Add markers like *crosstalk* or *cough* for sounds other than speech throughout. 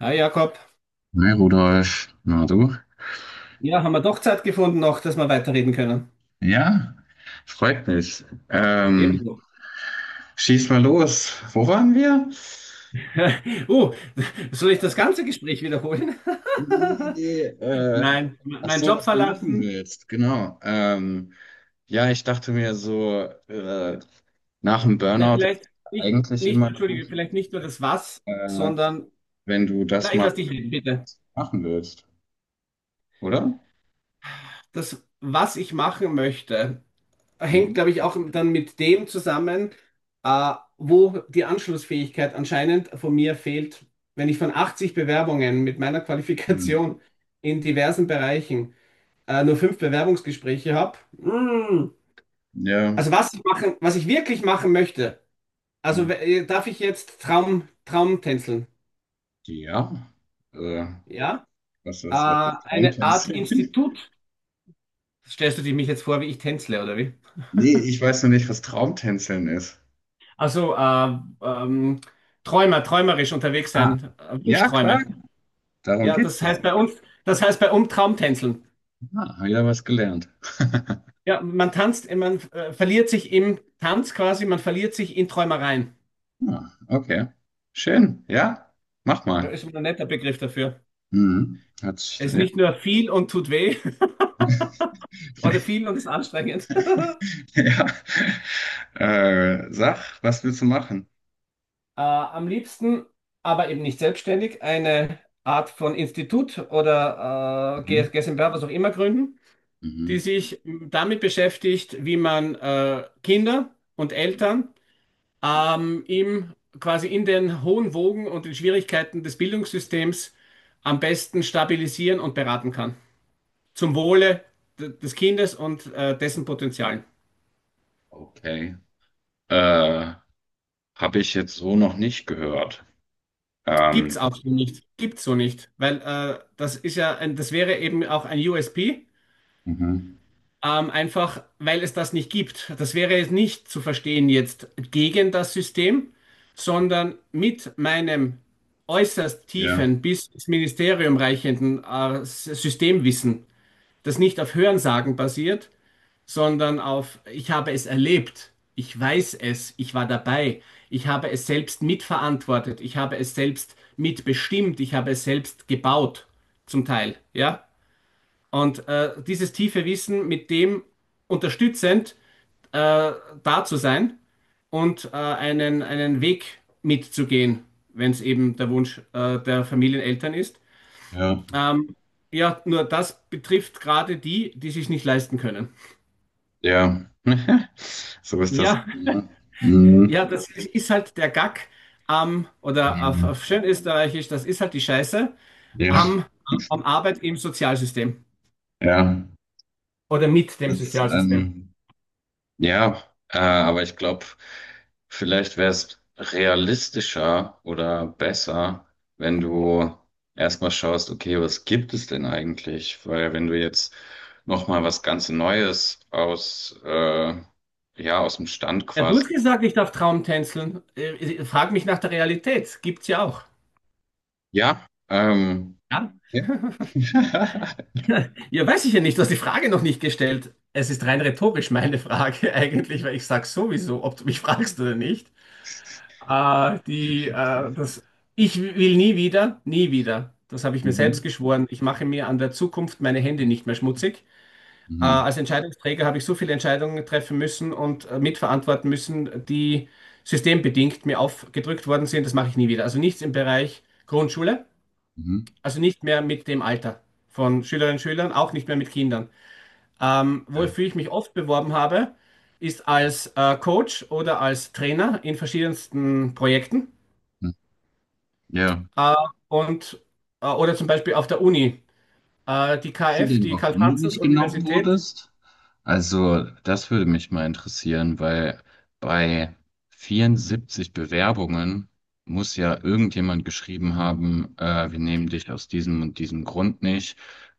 Hi Jakob. Hi Rudolf, na du? Ja, haben wir doch Zeit gefunden noch, dass wir weiterreden können. Ja, freut mich. Ebenso. Schieß mal los. Wo waren wir? *laughs* Uh, soll ich das ganze Gespräch wiederholen? Nee, nee, *laughs* Nein, m- ach Meinen so, Job was du machen verlassen. willst, genau. Ja, ich dachte mir so, nach dem Na, Burnout ist vielleicht nicht, eigentlich nicht, immer eine entschuldige, gute vielleicht nicht nur das Was, Idee, sondern, wenn du das na, ich mal lass dich reden, bitte. machen willst, oder? Das, was ich machen möchte, hängt, Mhm. glaube ich, auch dann mit dem zusammen, wo die Anschlussfähigkeit anscheinend von mir fehlt. Wenn ich von 80 Bewerbungen mit meiner Hm. Qualifikation in diversen Bereichen nur fünf Bewerbungsgespräche habe. Mm. Ja. Also was ich machen, was ich wirklich machen möchte. Also Hm. w- äh, darf ich jetzt Traum, Traum tänzeln? Ja. Äh, Ja? was, was, was ist Eine Art Traumtänzeln? *laughs* Institut. Stellst du dir mich jetzt vor, wie ich tänzle, oder wie? Nee, ich weiß noch nicht, was Traumtänzeln ist. Also Träumer, träumerisch unterwegs Ah, sein, ja, klar, Wunschträume. darum Ja, geht's das doch. heißt bei uns, das heißt bei uns Traumtänzeln. Ah, hab ja was gelernt. Ja, man tanzt, man verliert sich im Tanz quasi, man verliert sich in Träumereien. Ah, okay. Schön, ja, mach Ja, mal. ist ein netter Begriff dafür. Mhm. Hat sich, Es ist ja. nicht nur viel und tut weh, oder viel *laughs* und ist anstrengend. *laughs* Ja. Sag, was willst du machen? Am liebsten, aber eben nicht selbstständig, eine Art von Institut oder Mhm. GmbH, was auch immer gründen, die Mhm. sich damit beschäftigt, wie man Kinder und Eltern quasi in den hohen Wogen und den Schwierigkeiten des Bildungssystems am besten stabilisieren und beraten kann. Zum Wohle des Kindes und dessen Potenzialen. Okay. Äh, habe ich jetzt so noch nicht gehört. Gibt's Ähm, auch so nicht. Gibt's so nicht. Weil das wäre eben auch ein USP, mhm. Einfach weil es das nicht gibt. Das wäre es nicht zu verstehen jetzt gegen das System, sondern mit meinem äußerst Ja, tiefen bis ins Ministerium reichenden Systemwissen, das nicht auf Hörensagen basiert, sondern auf ich habe es erlebt, ich weiß es, ich war dabei, ich habe es selbst mitverantwortet, ich habe es selbst mitbestimmt, ich habe es selbst gebaut, zum Teil, ja. Und dieses tiefe Wissen mit dem unterstützend äh, da zu sein und einen Weg mitzugehen, wenn es eben der Wunsch der Familieneltern ist. ja, Ähm, ja, nur das betrifft gerade die, die sich nicht leisten können. ja. *laughs* So ist das. Ja. Mhm. Mhm. Ja, das ist halt der Gag am, oder auf, Mhm. auf schön Österreichisch, das ist halt die Scheiße Ja, am, am Arbeit im Sozialsystem ja. oder mit dem Das, Sozialsystem. ähm, ja, aber ich glaube, vielleicht wäre es realistischer oder besser, wenn du erstmal schaust, okay, was gibt es denn eigentlich? Weil wenn du jetzt nochmal was ganz Neues aus, ja, aus dem Stand Ja, du quasi. hast gesagt, ich darf Traumtänzeln. Frag mich nach der Realität. Gibt's ja auch. Ja, Ja, ja. *laughs* *laughs* ja, weiß ich ja nicht. Du hast die Frage noch nicht gestellt. Es ist rein rhetorisch meine Frage *laughs* eigentlich, weil ich sage sowieso, ob du mich fragst oder nicht. Äh, die, äh, das, Ich will nie wieder, nie wieder. Das habe ich mir selbst Mhm. geschworen. Ich mache mir an der Zukunft meine Hände nicht mehr schmutzig. Mhm. Als Entscheidungsträger habe ich so viele Entscheidungen treffen müssen und mitverantworten müssen, die systembedingt mir aufgedrückt worden sind. Das mache ich nie wieder. Also nichts im Bereich Grundschule, Mhm. also nicht mehr mit dem Alter von Schülerinnen und Schülern, auch nicht mehr mit Kindern. Ja. Wofür ich mich oft beworben habe, ist als Coach oder als Trainer in verschiedensten Projekten. Mhm. Ja. Äh, und, oder zum Beispiel auf der Uni. Äh, die Weißt du KF, denn, die warum du nicht genommen Karl-Franzens-Universität. wurdest? Also, das würde mich mal interessieren, weil bei 74 Bewerbungen muss ja irgendjemand geschrieben haben, wir nehmen dich aus diesem und diesem Grund nicht.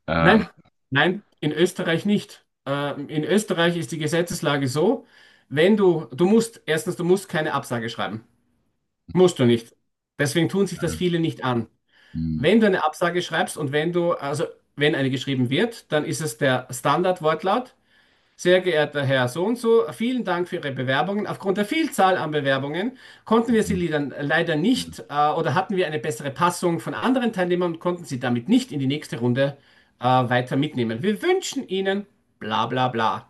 Ähm, Nein, nein, in Österreich nicht. In Österreich ist die Gesetzeslage so, wenn du, du musst, erstens, du musst keine Absage schreiben. Musst du nicht. Deswegen tun sich das äh, viele nicht an. hm, Wenn du eine Absage schreibst und wenn du, also wenn eine geschrieben wird, dann ist es der Standardwortlaut. Sehr geehrter Herr So und so, vielen Dank für Ihre Bewerbungen. Aufgrund der Vielzahl an Bewerbungen konnten wir hm, Sie dann leider hm, nicht oder hatten wir eine bessere Passung von anderen Teilnehmern und konnten Sie damit nicht in die nächste Runde weiter mitnehmen. Wir wünschen Ihnen bla bla bla.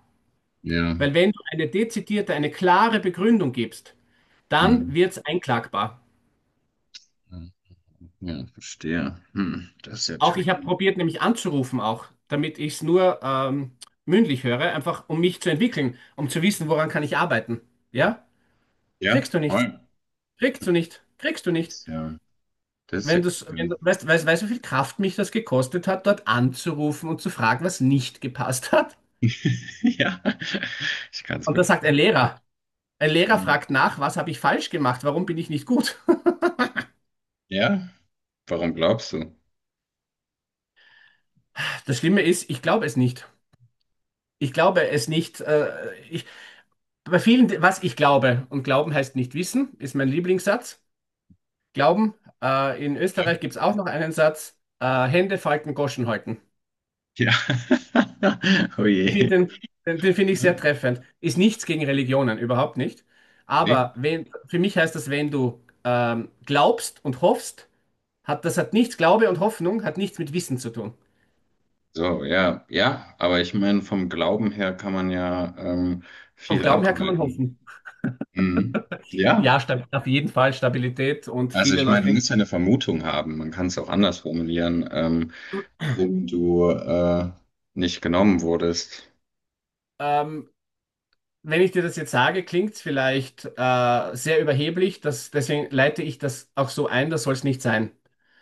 ja, Weil wenn du eine dezidierte, eine klare Begründung gibst, dann hm, wird es einklagbar. ja, ja, verstehe. Hm, das ist ja Auch ich habe tricky. probiert, nämlich anzurufen auch, damit ich es nur mündlich höre, einfach um mich zu entwickeln, um zu wissen, woran kann ich arbeiten. Ja? Ja, Kriegst du nichts. voll. Kriegst du nicht. Kriegst du Das nicht. ist ja, das ist ja Wenn du's, wenn kacke. du, weißt, weißt, weißt, du, wie viel Kraft mich das gekostet hat, dort anzurufen und zu fragen, was nicht gepasst hat? *laughs* Ja, ich kann es Und mir da sagt ein Lehrer vorstellen. fragt nach, was habe ich falsch gemacht? Warum bin ich nicht gut? Ja, warum glaubst du? Das Schlimme ist, ich glaube es nicht. Ich glaube es nicht. Bei vielen, was ich glaube, und Glauben heißt nicht wissen, ist mein Lieblingssatz. Glauben, in Ja. Österreich gibt es auch noch einen Satz, Hände falten, Goschen halten. Ja. *laughs* Oh Ich je. finde den, finde ich sehr treffend. Ist nichts gegen Religionen, überhaupt nicht. Aber wenn, für mich heißt das, wenn du glaubst und hoffst, hat das hat nichts, Glaube und Hoffnung hat nichts mit Wissen zu tun. So, ja, ja, aber ich meine, vom Glauben her kann man ja Vom viel Glauben her kann man ableiten. hoffen. Mhm. Ja, Ja, auf jeden Fall Stabilität und also viele ich meine, du Leute. musst ja eine Vermutung haben. Man kann es auch anders formulieren, warum du nicht genommen wurdest. Ähm, wenn ich dir das jetzt sage, klingt es vielleicht sehr überheblich. Das, deswegen leite ich das auch so ein, das soll es nicht sein.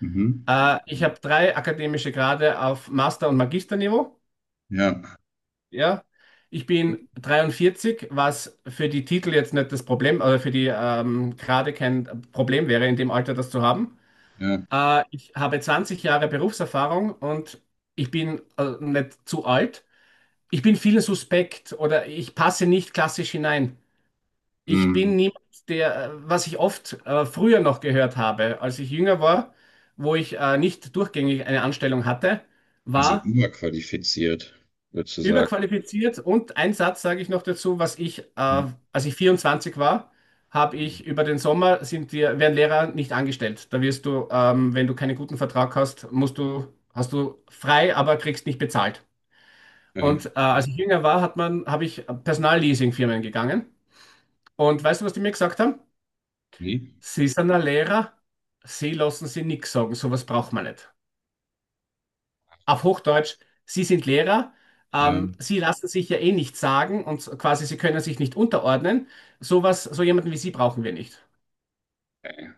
Mhm. Ich habe drei akademische Grade auf Master- und Magisterniveau. Ja, Ja, ich bin 43, was für die Titel jetzt nicht das Problem, oder für die gerade kein Problem wäre, in dem Alter das zu haben. ja. Ich habe 20 Jahre Berufserfahrung und ich bin nicht zu alt. Ich bin vielen suspekt oder ich passe nicht klassisch hinein. Ich bin Mhm. niemand, was ich oft früher noch gehört habe, als ich jünger war, wo ich nicht durchgängig eine Anstellung hatte, Also war, überqualifiziert, würdest sozusagen. überqualifiziert und ein Satz sage ich noch dazu, als ich 24 war, habe Mhm. ich über den Sommer sind dir, werden Lehrer nicht angestellt. Da wirst du, wenn du keinen guten Vertrag hast, musst du, hast du frei, aber kriegst nicht bezahlt. Okay. Und Ja. als ich jünger war, hat man, habe ich Personalleasingfirmen gegangen. Und weißt du, was die mir gesagt haben? Nee. Sie sind ein Lehrer, sie lassen sie nichts sagen, sowas braucht man nicht. Auf Hochdeutsch, Sie sind Lehrer, Ja. Sie lassen sich ja eh nichts sagen und quasi Sie können sich nicht unterordnen. Sowas, so jemanden wie Sie brauchen wir nicht. Okay.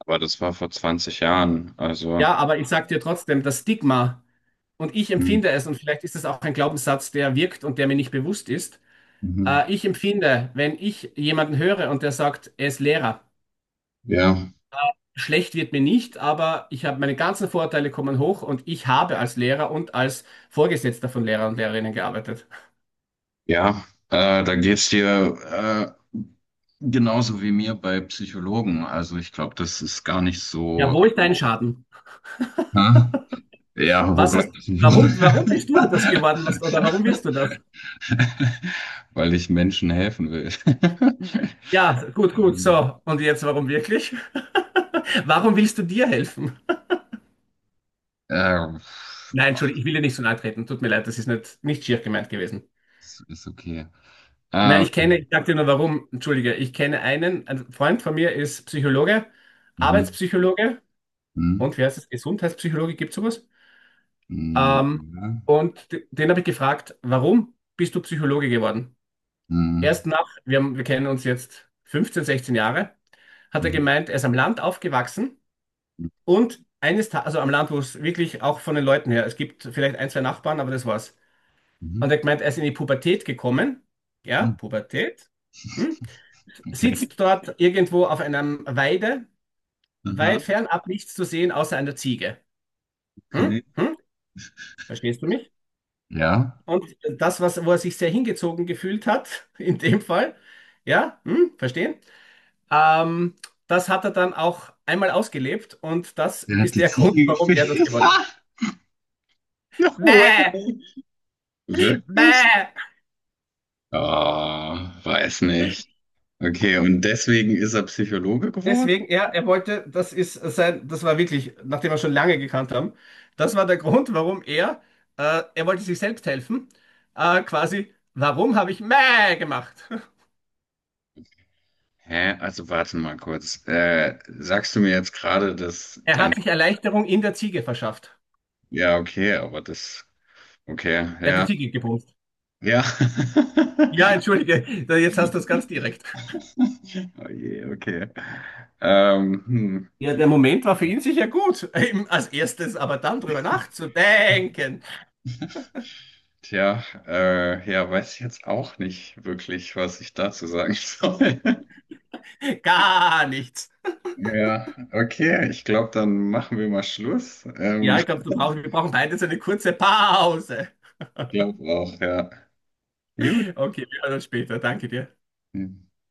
Aber das war vor 20 Jahren. Also, Ja, aber ich sage dir trotzdem, das Stigma, und ich mhm. empfinde es, und vielleicht ist es auch ein Glaubenssatz, der wirkt und der mir nicht bewusst ist, Mhm. Ich empfinde, wenn ich jemanden höre und der sagt, er ist Lehrer, Ja, schlecht wird mir nicht, aber ich habe meine ganzen Vorurteile kommen hoch und ich habe als Lehrer und als Vorgesetzter von Lehrern und Lehrerinnen gearbeitet. ja, da geht's dir genauso wie mir bei Psychologen. Also, ich glaube, das ist gar nicht Ja, so. wo ist dein Schaden? Hä? Ja, wo Was gleich hast, das Niveau? warum bist du das geworden, oder warum willst du das? *laughs* Weil ich Menschen helfen will. *laughs* Ja, gut, gut, Ähm, so. Und jetzt, warum wirklich? *laughs* Warum willst du dir helfen? äh, Nein, Entschuldigung, ich will dir nicht so nahe treten. Tut mir leid, das ist nicht, nicht schier gemeint gewesen. ist, ist okay. Nein, Äh, ich kenne, ich sag dir nur warum, entschuldige, ich kenne einen, ein Freund von mir ist Psychologe, mhm, Arbeitspsychologe mhm, und wie heißt es, Gesundheitspsychologe, gibt es sowas? mhm, Ähm, ja, Den habe ich gefragt, warum bist du Psychologe geworden? mhm, Erst nach, wir, haben, wir kennen uns jetzt 15, 16 Jahre, hat er mhm, gemeint, er ist am Land aufgewachsen mhm, und eines Tages, also am Land, wo es wirklich auch von den Leuten her, es gibt vielleicht ein, zwei Nachbarn, aber das war's. mhm, Und er hat gemeint, er ist in die Pubertät gekommen. Ja, mhm, Pubertät. Hm? okay. Sitzt dort irgendwo auf einem Weide, weit Aha. fernab nichts zu sehen, außer einer Ziege. Hm? Okay. Hm? Verstehst du mich? Ja. Und das, was, wo er sich sehr hingezogen gefühlt hat, *laughs* in dem Fall, ja, hm? Verstehen? Ähm, Das hat er dann auch einmal ausgelebt und das Der hat ist die der Grund, Ziege warum er gefickt. das *laughs* geworden. No way. Bäh, Wirklich? bäh. Ah, weiß nicht. Okay, und deswegen ist er Psychologe geworden? Deswegen, ja, er wollte, das ist sein, das war wirklich, nachdem wir schon lange gekannt haben, das war der Grund, warum er wollte sich selbst helfen, quasi, warum habe ich Mäh gemacht? *laughs* Hä? Also warte mal kurz. Sagst du mir jetzt gerade, dass Er dein... hat sich Erleichterung in der Ziege verschafft. Ja, okay, aber das... Okay, Er hat die ja. Ziege gebumst. Ja. *laughs* Ja, entschuldige, jetzt hast du es ganz direkt. Oh je, okay. Ähm, hm. Ja, der Moment war für ihn sicher gut, eben als erstes, aber dann drüber nachzudenken, Ja. Tja, ja, weiß ich jetzt auch nicht wirklich, was ich dazu sagen *laughs* soll. gar nichts. Ja, okay, ich glaube, dann machen wir mal Schluss. Ja, ich glaube, *laughs* du ich brauchst, wir brauchen beide so eine kurze Pause. glaube auch, ja. Gut. Okay, wir hören uns später. Danke dir.